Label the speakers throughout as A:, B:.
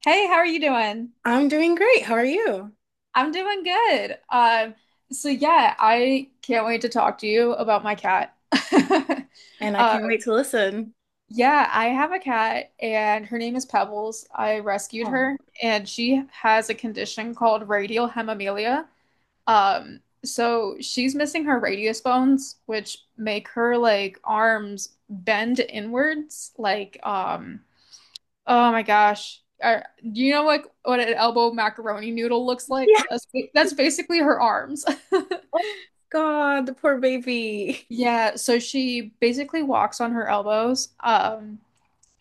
A: Hey, how are you doing?
B: I'm doing great. How are you?
A: I'm doing good. So yeah, I can't wait to talk to you about my cat.
B: And I
A: Uh,
B: can't wait to listen.
A: yeah, I have a cat and her name is Pebbles. I rescued
B: Oh,
A: her and she has a condition called radial hemimelia. So she's missing her radius bones, which make her like arms bend inwards, like oh my gosh. Do you know like what an elbow macaroni noodle looks like?
B: yeah.
A: That's basically her arms.
B: Oh God, the poor baby.
A: Yeah, so she basically walks on her elbows,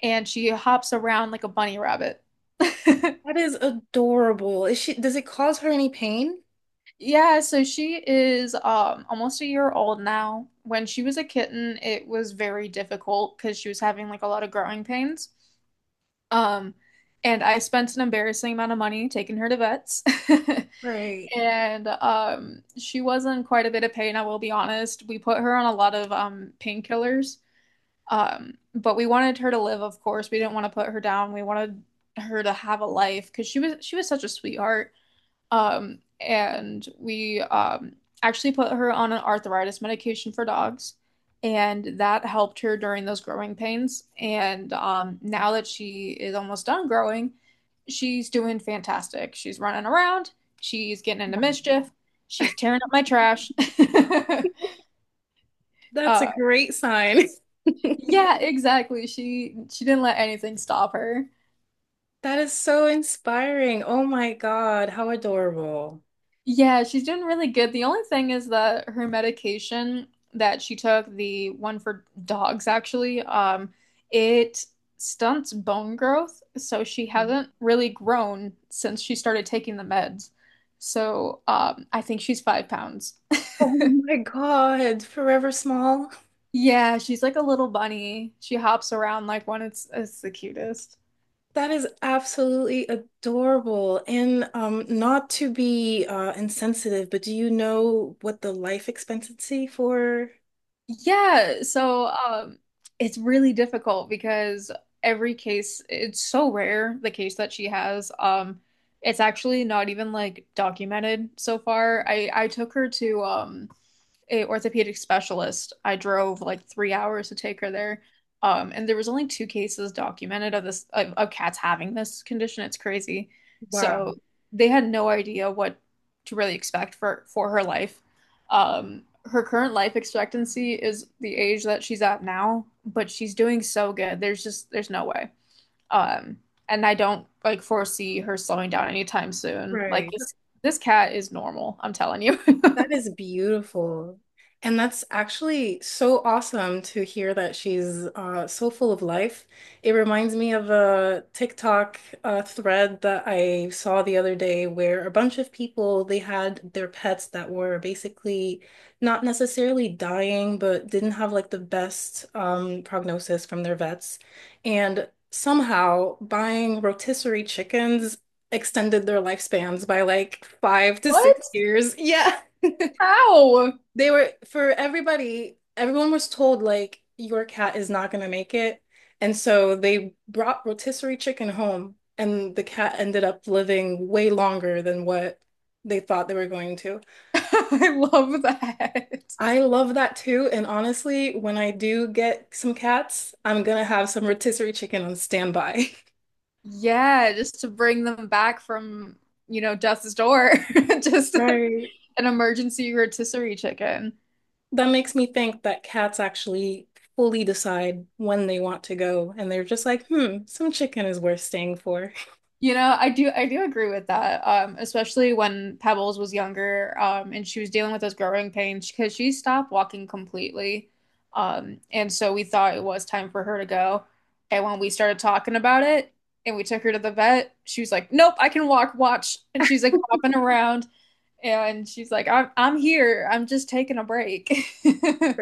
A: and she hops around like a bunny rabbit.
B: That is adorable. Is she, does it cause her any pain?
A: Yeah, so she is almost a year old now. When she was a kitten, it was very difficult because she was having like a lot of growing pains. Um, and I spent an embarrassing amount of money taking her to vets.
B: Right.
A: And she was in quite a bit of pain, I will be honest. We put her on a lot of painkillers. But we wanted her to live, of course. We didn't want to put her down. We wanted her to have a life because she was such a sweetheart. And we Actually put her on an arthritis medication for dogs, and that helped her during those growing pains. And now that she is almost done growing, she's doing fantastic. She's running around, she's getting into mischief, she's tearing up my trash.
B: That's a
A: uh,
B: great sign.
A: yeah, exactly. She didn't let anything stop her.
B: That is so inspiring. Oh my God, how adorable.
A: Yeah, she's doing really good. The only thing is that her medication that she took, the one for dogs actually, it stunts bone growth, so she
B: Mhm.
A: hasn't really grown since she started taking the meds. So, I think she's 5 pounds.
B: Oh my God, Forever Small.
A: Yeah, she's like a little bunny. She hops around like one. It's the cutest.
B: That is absolutely adorable. And not to be insensitive, but do you know what the life expectancy for
A: Yeah, so it's really difficult because every case, it's so rare, the case that she has. It's actually not even like documented so far. I took her to a orthopedic specialist. I drove like 3 hours to take her there. And there was only 2 cases documented of this of cats having this condition. It's crazy.
B: Wow,
A: So they had no idea what to really expect for her life. Her current life expectancy is the age that she's at now, but she's doing so good. There's just there's no way. Um, and I don't like foresee her slowing down anytime soon. Like
B: right.
A: this cat is normal, I'm telling you.
B: That is beautiful. And that's actually so awesome to hear that she's so full of life. It reminds me of a TikTok thread that I saw the other day where a bunch of people, they had their pets that were basically not necessarily dying, but didn't have like the best prognosis from their vets. And somehow buying rotisserie chickens extended their lifespans by like five to six
A: What?
B: years. Yeah.
A: How?
B: They were for everybody, everyone was told like your cat is not gonna make it. And so they brought rotisserie chicken home and the cat ended up living way longer than what they thought they were going to.
A: I love that.
B: I love that too. And honestly, when I do get some cats, I'm gonna have some rotisserie chicken on standby.
A: Yeah, just to bring them back from, death's door. Just
B: Right.
A: an emergency rotisserie chicken.
B: That makes me think that cats actually fully decide when they want to go, and they're just like, hmm, some chicken is worth staying for.
A: You know, I do agree with that. Especially when Pebbles was younger, and she was dealing with those growing pains because she stopped walking completely. And so we thought it was time for her to go. And when we started talking about it and we took her to the vet, she was like, Nope, I can walk, watch. And she's like hopping around and she's like, I'm here. I'm just taking a break.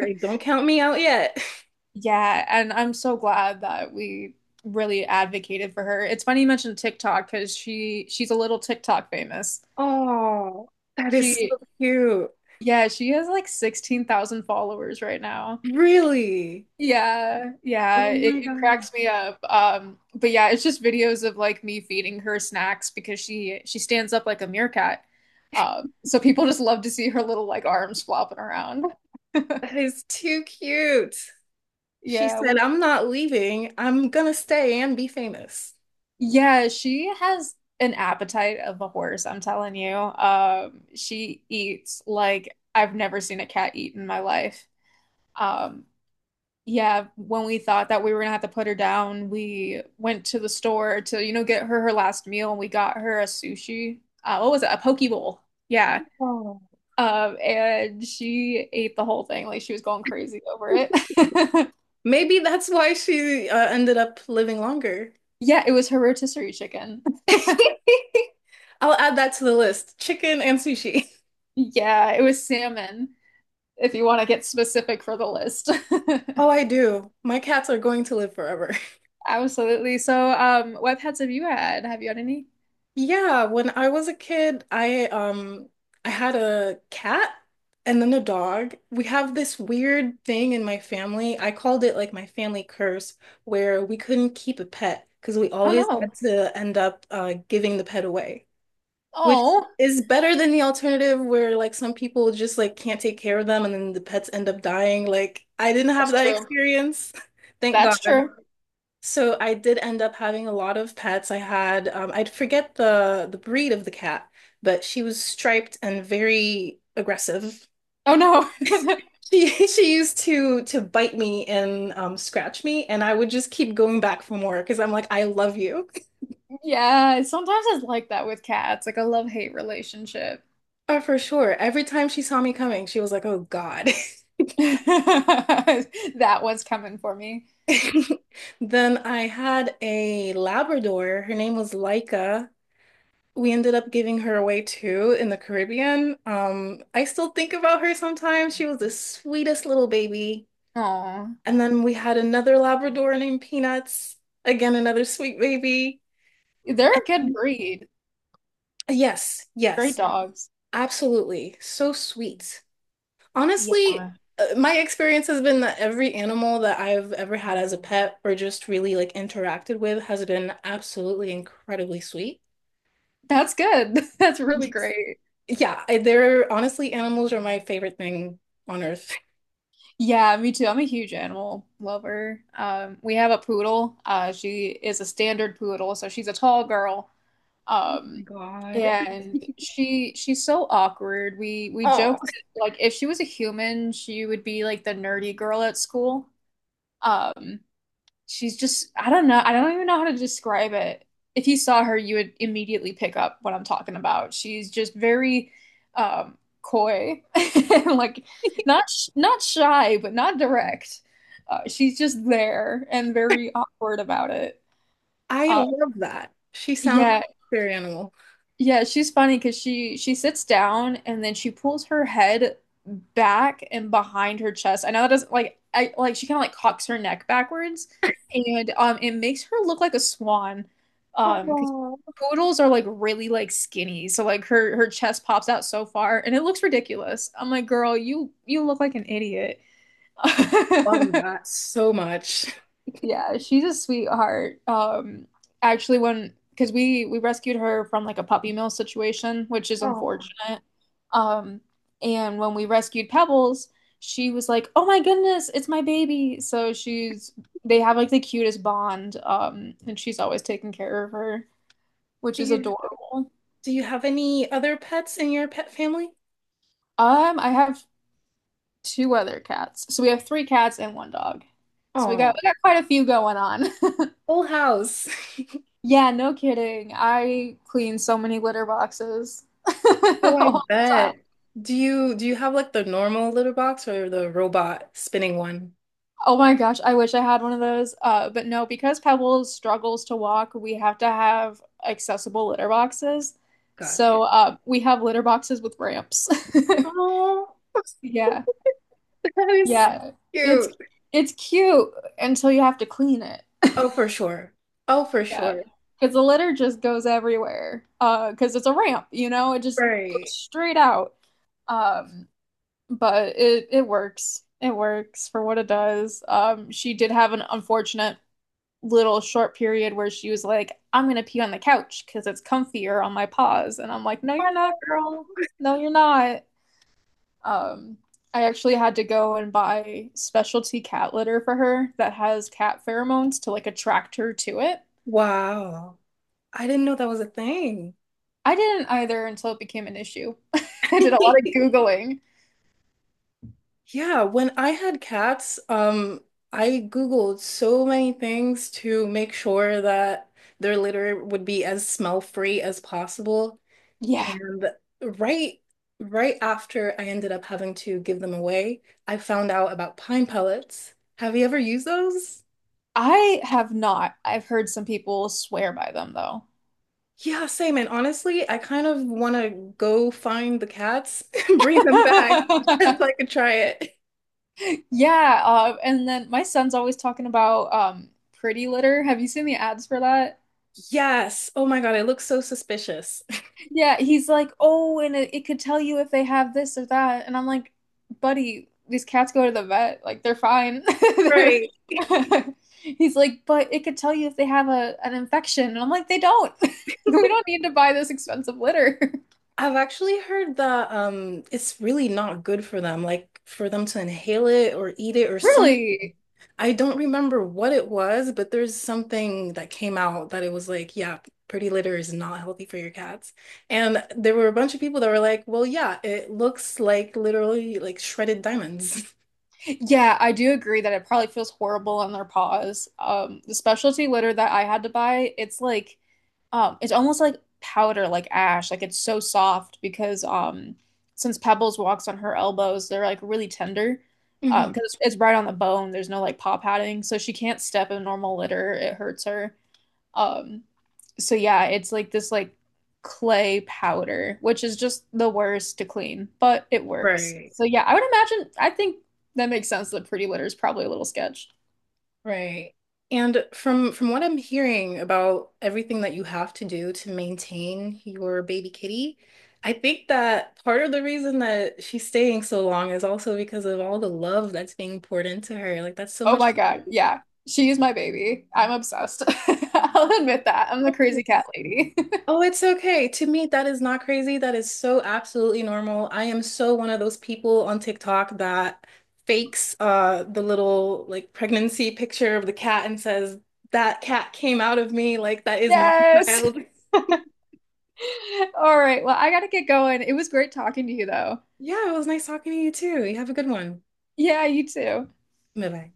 B: don't count me out yet.
A: Yeah, and I'm so glad that we really advocated for her. It's funny you mentioned TikTok because she's a little TikTok famous.
B: Oh, that is
A: She
B: so cute.
A: yeah, she has like 16,000 followers right now.
B: Really?
A: Yeah, yeah,
B: Oh
A: it,
B: my
A: it
B: God.
A: cracks me up. But yeah, it's just videos of like me feeding her snacks because she stands up like a meerkat. So people just love to see her little like arms flopping around.
B: That is too cute. She
A: Yeah,
B: said, I'm not leaving. I'm gonna stay and be famous.
A: yeah, she has an appetite of a horse, I'm telling you. She eats like I've never seen a cat eat in my life. Um, yeah, when we thought that we were gonna have to put her down, we went to the store to, get her her last meal and we got her a sushi. What was it? A poke bowl. Yeah.
B: Oh.
A: And she ate the whole thing. Like she was going crazy over it.
B: Maybe that's why she ended up living longer.
A: Yeah, it was her rotisserie chicken.
B: I'll add that to the list. Chicken and sushi.
A: Yeah, it was salmon. If you want to get specific for the list.
B: Oh, I do. My cats are going to live forever.
A: Absolutely. So, what pets have you had? Have you had any?
B: Yeah, when I was a kid, I had a cat and then a dog. We have this weird thing in my family. I called it like my family curse, where we couldn't keep a pet because we
A: Oh
B: always
A: no.
B: had to end up giving the pet away, which
A: Oh,
B: is better than the alternative where like some people just like can't take care of them and then the pets end up dying. Like I didn't have
A: that's
B: that
A: true.
B: experience. Thank God.
A: That's true.
B: So I did end up having a lot of pets. I had I forget the breed of the cat, but she was striped and very aggressive.
A: Oh no.
B: She used to bite me and scratch me, and I would just keep going back for more because I'm like, I love you.
A: Yeah, sometimes it's like that with cats, like a love-hate relationship.
B: Oh, for sure. Every time she saw me coming, she was like, "Oh God."
A: That one's coming for me.
B: Then I had a Labrador. Her name was Laika. We ended up giving her away too in the Caribbean. I still think about her sometimes. She was the sweetest little baby.
A: Oh,
B: And then we had another Labrador named Peanuts, again, another sweet baby.
A: they're a good
B: And
A: breed.
B: yes,
A: Great
B: yes,
A: dogs.
B: absolutely. So sweet. Honestly,
A: Yeah,
B: my experience has been that every animal that I've ever had as a pet or just really like interacted with has been absolutely incredibly sweet.
A: that's good. That's really great.
B: Yeah, I, they're honestly animals are my favorite thing on earth.
A: Yeah, me too. I'm a huge animal lover. We have a poodle. She is a standard poodle, so she's a tall girl.
B: Oh my
A: Um,
B: God.
A: and she's so awkward. We
B: Oh,
A: joke that, like if she was a human, she would be like the nerdy girl at school. Um, she's just I don't know. I don't even know how to describe it. If you saw her, you would immediately pick up what I'm talking about. She's just very coy, like not shy, but not direct. She's just there and very awkward about it.
B: I
A: Uh,
B: love that. She sounds like
A: yeah,
B: a fairy animal.
A: yeah, she's funny because she sits down and then she pulls her head back and behind her chest. I know that doesn't like I like she kind of like cocks her neck backwards and it makes her look like a swan. Because
B: Oh,
A: poodles are like really like skinny. So like her chest pops out so far and it looks ridiculous. I'm like, "Girl, you look like an idiot."
B: love that so much.
A: Yeah, she's a sweetheart. Actually, when because we rescued her from like a puppy mill situation, which is
B: Oh,
A: unfortunate. Um, and when we rescued Pebbles, she was like, "Oh my goodness, it's my baby!" So she's they have like the cutest bond. And she's always taking care of her, which
B: do
A: is
B: you
A: adorable.
B: do you have any other pets in your pet family?
A: I have 2 other cats, so we have 3 cats and one dog. So we got
B: Oh,
A: we got quite a few going on.
B: whole house.
A: Yeah, no kidding. I clean so many litter boxes all
B: Oh, I
A: the time.
B: bet. Do you have like the normal litter box or the robot spinning one?
A: Oh my gosh, I wish I had one of those. But no, because Pebbles struggles to walk, we have to have accessible litter boxes.
B: Gotcha.
A: So we have litter boxes with ramps.
B: Oh,
A: Yeah,
B: that is
A: yeah. It's
B: cute.
A: it's cute until you have to clean it.
B: Oh, for sure. Oh, for
A: Yeah,
B: sure.
A: because the litter just goes everywhere. Because it's a ramp, you know, it just goes
B: Right.
A: straight out. Um, but it works. It works for what it does. She did have an unfortunate little short period where she was like, "I'm gonna pee on the couch because it's comfier on my paws," and I'm like, "No, you're not,
B: Oh,
A: girl. No, you're not." Um, I actually had to go and buy specialty cat litter for her that has cat pheromones to like attract her to it.
B: wow. I didn't know that was a thing.
A: I didn't either until it became an issue. I did a lot of Googling.
B: Yeah, when I had cats, I Googled so many things to make sure that their litter would be as smell-free as possible.
A: Yeah,
B: And right right after I ended up having to give them away, I found out about pine pellets. Have you ever used those?
A: I have not. I've heard some people swear by them though.
B: Yeah, same. And honestly, I kind of want to go find the cats and bring them back just so I could try it.
A: Yeah, and then my son's always talking about Pretty Litter. Have you seen the ads for that?
B: Yes. Oh my God, it looks so suspicious.
A: Yeah, he's like, "Oh, and it could tell you if they have this or that." And I'm like, "Buddy, these cats go to the vet. Like they're fine." They're
B: Right.
A: he's like, "But it could tell you if they have a an infection." And I'm like, "They don't. We don't need to buy this expensive litter."
B: I've actually heard that it's really not good for them, like for them to inhale it or eat it or some
A: Really?
B: I don't remember what it was, but there's something that came out that it was like, yeah, pretty litter is not healthy for your cats. And there were a bunch of people that were like, well, yeah, it looks like literally like shredded diamonds.
A: Yeah, I do agree that it probably feels horrible on their paws. The specialty litter that I had to buy, it's like it's almost like powder, like ash, like it's so soft because since Pebbles walks on her elbows, they're like really tender
B: Hmm.
A: because it's right on the bone. There's no like paw padding, so she can't step in normal litter. It hurts her. Um, so yeah, it's like this like clay powder, which is just the worst to clean, but it works.
B: Right.
A: So yeah, I would imagine, I think that makes sense that Pretty Litter is probably a little sketch.
B: Right. And from what I'm hearing about everything that you have to do to maintain your baby kitty, I think that part of the reason that she's staying so long is also because of all the love that's being poured into her. Like that's so
A: Oh
B: much.
A: my God. Yeah. She is my baby. I'm obsessed. I'll admit that. I'm the crazy cat lady.
B: Oh, it's okay. To me, that is not crazy. That is so absolutely normal. I am so one of those people on TikTok that fakes the little like pregnancy picture of the cat and says, that cat came out of me, like that is my
A: Yes.
B: child.
A: All right. Well, I gotta get going. It was great talking to you, though.
B: Yeah, it was nice talking to you too. You have a good one.
A: Yeah, you too.
B: Bye bye.